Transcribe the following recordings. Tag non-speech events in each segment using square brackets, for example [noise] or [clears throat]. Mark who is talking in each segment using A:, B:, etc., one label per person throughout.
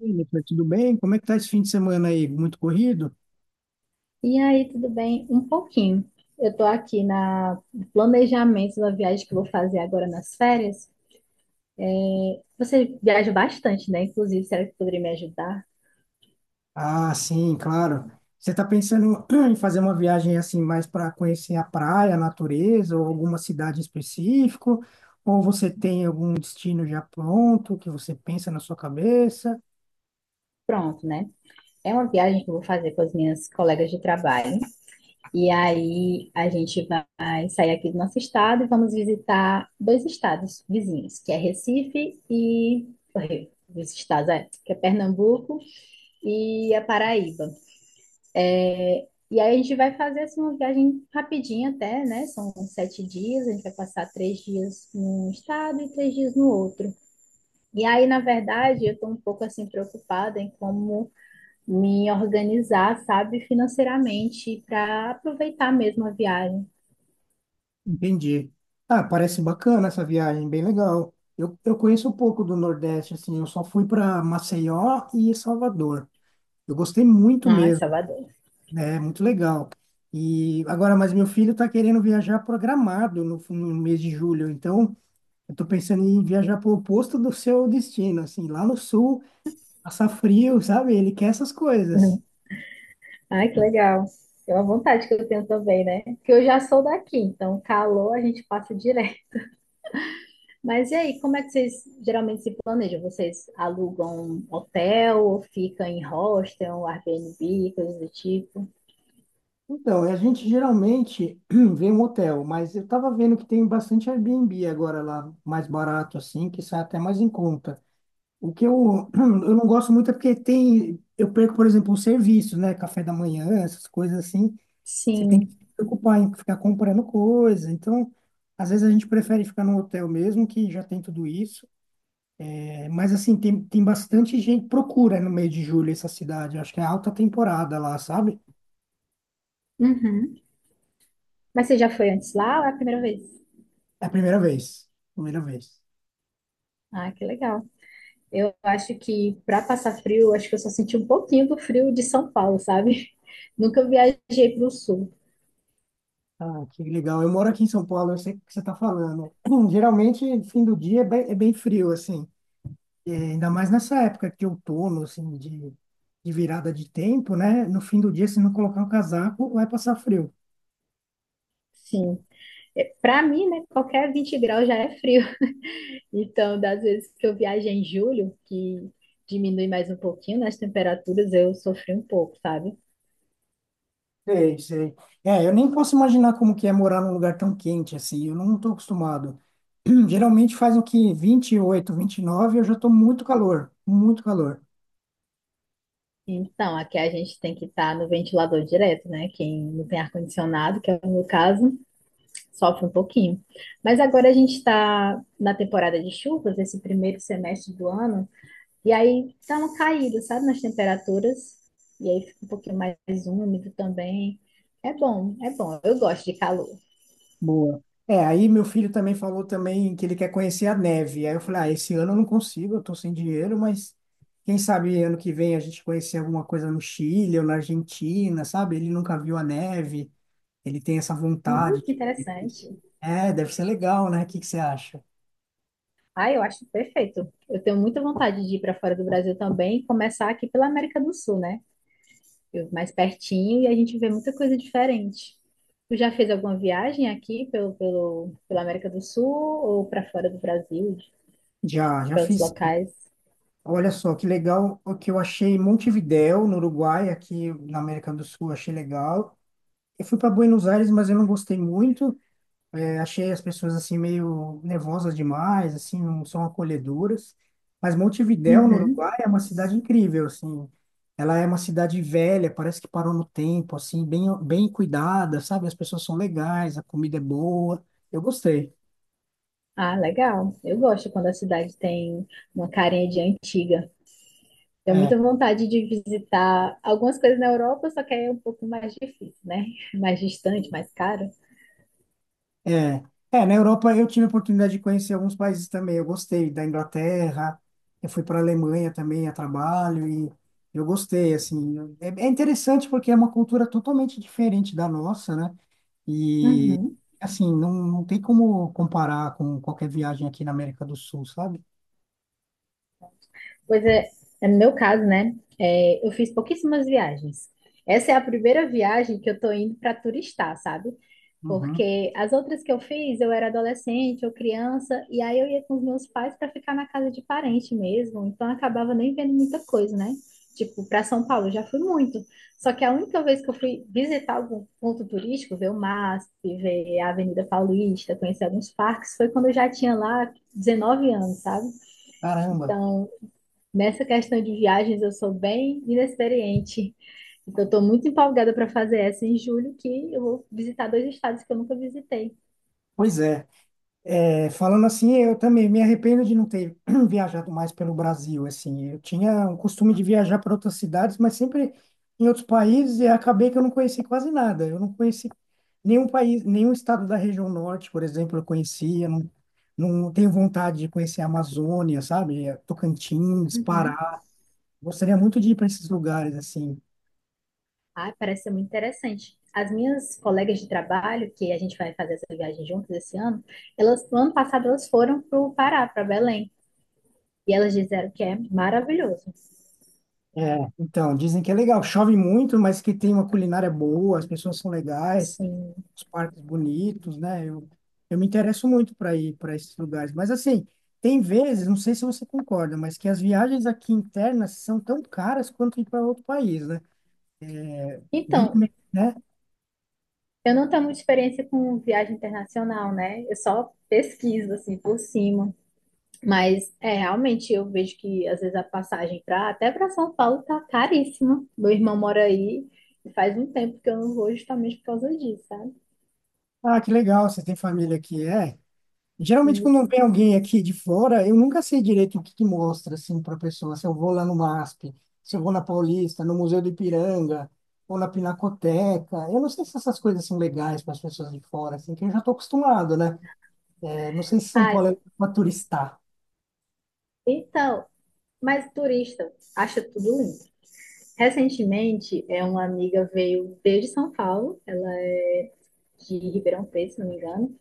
A: Oi, Nicolas, tudo bem? Como é que tá esse fim de semana aí? Muito corrido?
B: E aí, tudo bem? Um pouquinho. Eu estou aqui na no planejamento da viagem que eu vou fazer agora nas férias. É, você viaja bastante, né? Inclusive, será que poderia me ajudar?
A: Ah, sim, claro. Você está pensando [clears throat] em fazer uma viagem assim mais para conhecer a praia, a natureza ou alguma cidade em específico? Ou você tem algum destino já pronto que você pensa na sua cabeça?
B: Pronto, né? É uma viagem que eu vou fazer com as minhas colegas de trabalho. E aí a gente vai sair aqui do nosso estado e vamos visitar dois estados vizinhos, que é Recife e os estados, que é Pernambuco e a Paraíba. E aí a gente vai fazer assim, uma viagem rapidinha até, né? São 7 dias, a gente vai passar 3 dias num estado e 3 dias no outro. E aí, na verdade, eu estou um pouco assim preocupada em como me organizar, sabe, financeiramente para aproveitar mesmo a viagem.
A: Entendi. Ah, parece bacana essa viagem, bem legal. Eu conheço um pouco do Nordeste, assim, eu só fui para Maceió e Salvador. Eu gostei muito
B: Ai,
A: mesmo.
B: Salvador. [laughs]
A: Né? É muito legal. E agora, mas meu filho está querendo viajar programado no mês de julho, então eu estou pensando em viajar para o oposto do seu destino, assim, lá no sul, passar frio, sabe? Ele quer essas coisas.
B: Uhum. Ai, que legal. É uma vontade que eu tenho também, né? Porque eu já sou daqui, então calor a gente passa direto. Mas e aí, como é que vocês geralmente se planejam? Vocês alugam hotel ou ficam em hostel, Airbnb, coisas do tipo?
A: Então, a gente geralmente [clears throat] vê um hotel, mas eu estava vendo que tem bastante Airbnb agora lá, mais barato, assim, que sai até mais em conta. [clears throat] Eu não gosto muito é porque tem, eu perco, por exemplo, o serviço, né? Café da manhã, essas coisas assim. Você tem que se
B: Sim.
A: preocupar em ficar comprando coisa. Então, às vezes a gente prefere ficar num hotel mesmo, que já tem tudo isso. É, mas, assim, tem bastante gente que procura no meio de julho essa cidade. Acho que é alta temporada lá, sabe?
B: Uhum. Mas você já foi antes lá ou é a primeira vez?
A: É a primeira vez. Primeira vez.
B: Ah, que legal. Eu acho que para passar frio, acho que eu só senti um pouquinho do frio de São Paulo, sabe? [laughs] Nunca viajei para o sul.
A: Ah, que legal. Eu moro aqui em São Paulo, eu sei o que você está falando. [clears throat] Geralmente, fim do dia é bem frio, assim. É, ainda mais nessa época de outono, assim, de virada de tempo, né? No fim do dia, se não colocar o casaco, vai passar frio.
B: Sim. Para mim, né, qualquer 20 graus já é frio. Então, das vezes que eu viajei em julho, que diminui mais um pouquinho nas temperaturas, eu sofri um pouco, sabe?
A: Sei, sei. É, eu nem posso imaginar como que é morar num lugar tão quente assim. Eu não estou acostumado. Geralmente faz o que vinte vinte e oito, vinte e nove, eu já estou muito calor, muito calor.
B: Então, aqui a gente tem que estar no ventilador direto, né? Quem não tem ar-condicionado, que é o meu caso, sofre um pouquinho. Mas agora a gente está na temporada de chuvas, esse primeiro semestre do ano, e aí tá uma caída, sabe, nas temperaturas, e aí fica um pouquinho mais úmido também. É bom, eu gosto de calor.
A: Boa. É, aí meu filho também falou também que ele quer conhecer a neve. Aí eu falei, ah, esse ano eu não consigo, eu estou sem dinheiro, mas quem sabe ano que vem a gente conhecer alguma coisa no Chile ou na Argentina, sabe? Ele nunca viu a neve, ele tem essa
B: Uh,
A: vontade.
B: que interessante.
A: É, deve ser legal, né? O que que você acha?
B: Ah, eu acho perfeito. Eu tenho muita vontade de ir para fora do Brasil também, e começar aqui pela América do Sul, né? Mais pertinho e a gente vê muita coisa diferente. Tu já fez alguma viagem aqui pela América do Sul ou para fora do Brasil,
A: Já, já
B: para outros
A: fiz.
B: locais?
A: Olha só, que legal o que eu achei em Montevidéu, no Uruguai, aqui na América do Sul, achei legal. Eu fui para Buenos Aires, mas eu não gostei muito. É, achei as pessoas assim meio nervosas demais, assim, não são acolhedoras. Mas Montevidéu, no
B: Uhum.
A: Uruguai, é uma cidade incrível, assim. Ela é uma cidade velha, parece que parou no tempo, assim, bem, bem cuidada, sabe? As pessoas são legais, a comida é boa. Eu gostei.
B: Ah, legal. Eu gosto quando a cidade tem uma carinha de antiga. Tenho muita
A: É.
B: vontade de visitar algumas coisas na Europa, só que aí é um pouco mais difícil, né? [laughs] Mais distante, mais caro.
A: É, na Europa eu tive a oportunidade de conhecer alguns países também. Eu gostei da Inglaterra, eu fui para a Alemanha também a trabalho e eu gostei, assim. É, é interessante porque é uma cultura totalmente diferente da nossa, né? E,
B: Uhum.
A: assim, não tem como comparar com qualquer viagem aqui na América do Sul, sabe?
B: Pois é, é no meu caso, né? Eu fiz pouquíssimas viagens. Essa é a primeira viagem que eu tô indo para turistar, sabe?
A: Uhum.
B: Porque as outras que eu fiz, eu era adolescente ou criança, e aí eu ia com os meus pais para ficar na casa de parente mesmo, então eu acabava nem vendo muita coisa, né? Tipo, para São Paulo eu já fui muito. Só que a única vez que eu fui visitar algum ponto turístico, ver o MASP, ver a Avenida Paulista, conhecer alguns parques, foi quando eu já tinha lá 19 anos, sabe?
A: Caramba.
B: Então, nessa questão de viagens, eu sou bem inexperiente. Então, estou muito empolgada para fazer essa em julho, que eu vou visitar dois estados que eu nunca visitei.
A: Pois é. É, falando assim, eu também me arrependo de não ter [clears throat] viajado mais pelo Brasil, assim. Eu tinha um costume de viajar para outras cidades, mas sempre em outros países e acabei que eu não conheci quase nada. Eu não conheci nenhum país, nenhum estado da região norte, por exemplo, eu conhecia. Não, não tenho vontade de conhecer a Amazônia, sabe? É, Tocantins,
B: Uhum.
A: Pará. Gostaria muito de ir para esses lugares, assim.
B: Ah, parece ser muito interessante. As minhas colegas de trabalho, que a gente vai fazer essa viagem juntas esse ano, elas, no ano passado, elas foram para o Pará, para Belém. E elas disseram que é maravilhoso.
A: É, então, dizem que é legal. Chove muito, mas que tem uma culinária boa, as pessoas são legais.
B: Sim.
A: Os parques bonitos, né? Eu me interesso muito para ir para esses lugares. Mas, assim, tem vezes, não sei se você concorda, mas que as viagens aqui internas são tão caras quanto ir para outro país, né? Vira, e
B: Então,
A: mexe, né?
B: eu não tenho muita experiência com viagem internacional, né? Eu só pesquiso, assim, por cima. Mas é realmente eu vejo que às vezes a passagem para até para São Paulo tá caríssima. Meu irmão mora aí e faz um tempo que eu não vou justamente por causa disso, sabe?
A: Ah, que legal, você tem família aqui. É. Geralmente, quando
B: Isso.
A: vem alguém aqui de fora, eu nunca sei direito o que que mostra, assim, para a pessoa. Se eu vou lá no MASP, se eu vou na Paulista, no Museu do Ipiranga, ou na Pinacoteca. Eu não sei se essas coisas são legais para as pessoas de fora, assim, que eu já estou acostumado, né? Não sei se São
B: Ai,
A: Paulo é para turistar.
B: então, mas turista acha tudo lindo. Recentemente, uma amiga veio desde São Paulo, ela é de Ribeirão Preto, se não me engano.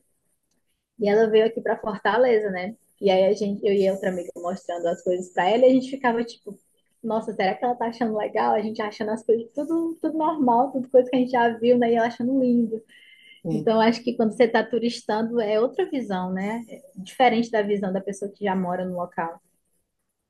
B: E ela veio aqui pra Fortaleza, né? E aí a gente, eu e outra amiga mostrando as coisas pra ela e a gente ficava tipo, nossa, será que ela tá achando legal? A gente achando as coisas tudo, tudo normal, tudo coisa que a gente já viu, né? E ela achando lindo.
A: É,
B: Então, acho que quando você tá turistando é outra visão, né? É diferente da visão da pessoa que já mora no local.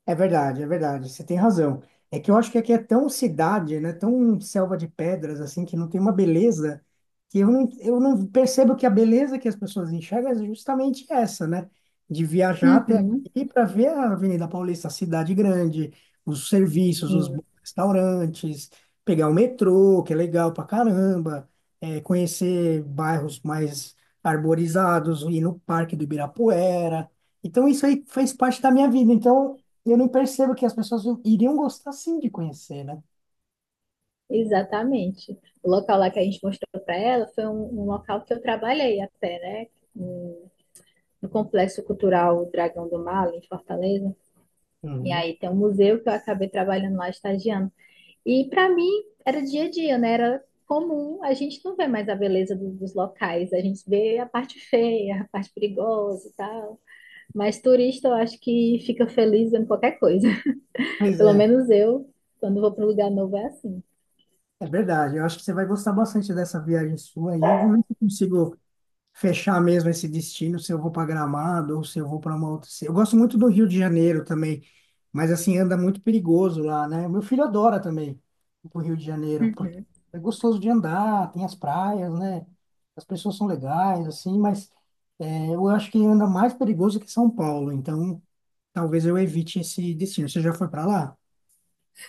A: é verdade, é verdade. Você tem razão. É que eu acho que aqui é tão cidade, né? Tão selva de pedras, assim, que não tem uma beleza que eu não percebo que a beleza que as pessoas enxergam é justamente essa, né? De viajar até
B: Uhum.
A: aqui para ver a Avenida Paulista, a cidade grande, os serviços, os
B: Sim,
A: bons restaurantes, pegar o metrô, que é legal pra caramba, é, conhecer bairros mais arborizados, ir no Parque do Ibirapuera. Então, isso aí fez parte da minha vida. Então, e eu não percebo que as pessoas iriam gostar sim de conhecer, né?
B: exatamente. O local lá que a gente mostrou para ela foi um local que eu trabalhei até, né? No no Complexo Cultural Dragão do Mar, ali em Fortaleza. E
A: Uhum.
B: aí tem um museu que eu acabei trabalhando lá, estagiando. E para mim era dia a dia, né? Era comum. A gente não vê mais a beleza dos locais, a gente vê a parte feia, a parte perigosa e tal. Mas turista eu acho que fica feliz vendo qualquer coisa. [laughs]
A: Pois
B: Pelo
A: é,
B: menos eu, quando vou para um lugar novo, é assim.
A: é verdade. Eu acho que você vai gostar bastante dessa viagem sua aí. Vou ver se eu consigo fechar mesmo esse destino, se eu vou para Gramado ou se eu vou para uma outra. Eu gosto muito do Rio de Janeiro também, mas assim anda muito perigoso lá, né? Meu filho adora também ir pro Rio de Janeiro, porque é gostoso de andar, tem as praias, né? As pessoas são legais, assim, mas é, eu acho que anda mais perigoso que São Paulo, então talvez eu evite esse destino. Você já foi para lá?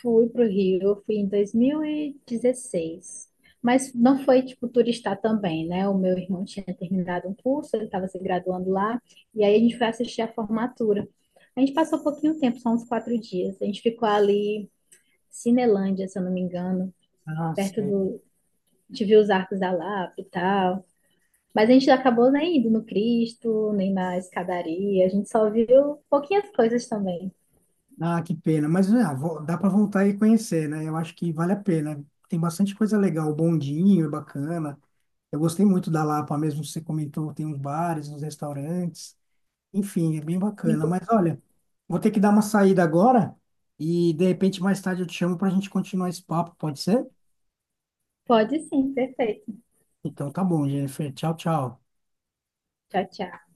B: Fui pro Rio, fui em 2016. Mas não foi, tipo, turistar também, né? O meu irmão tinha terminado um curso, ele estava se graduando lá, e aí a gente foi assistir a formatura. A gente passou um pouquinho tempo, só uns 4 dias. A gente ficou ali, Cinelândia, se eu não me engano,
A: Ah,
B: perto
A: nossa.
B: de ver os Arcos da Lapa e tal. Mas a gente acabou nem indo no Cristo, nem na escadaria. A gente só viu pouquinhas coisas também.
A: Ah, que pena. Mas ah, dá para voltar e conhecer, né? Eu acho que vale a pena. Tem bastante coisa legal. O bondinho é bacana. Eu gostei muito da Lapa mesmo. Você comentou, tem uns bares, uns restaurantes. Enfim, é bem bacana. Mas olha, vou ter que dar uma saída agora e de repente mais tarde eu te chamo para a gente continuar esse papo, pode ser?
B: Pode sim, perfeito.
A: Então tá bom, Jennifer. Tchau, tchau.
B: Tchau, tchau.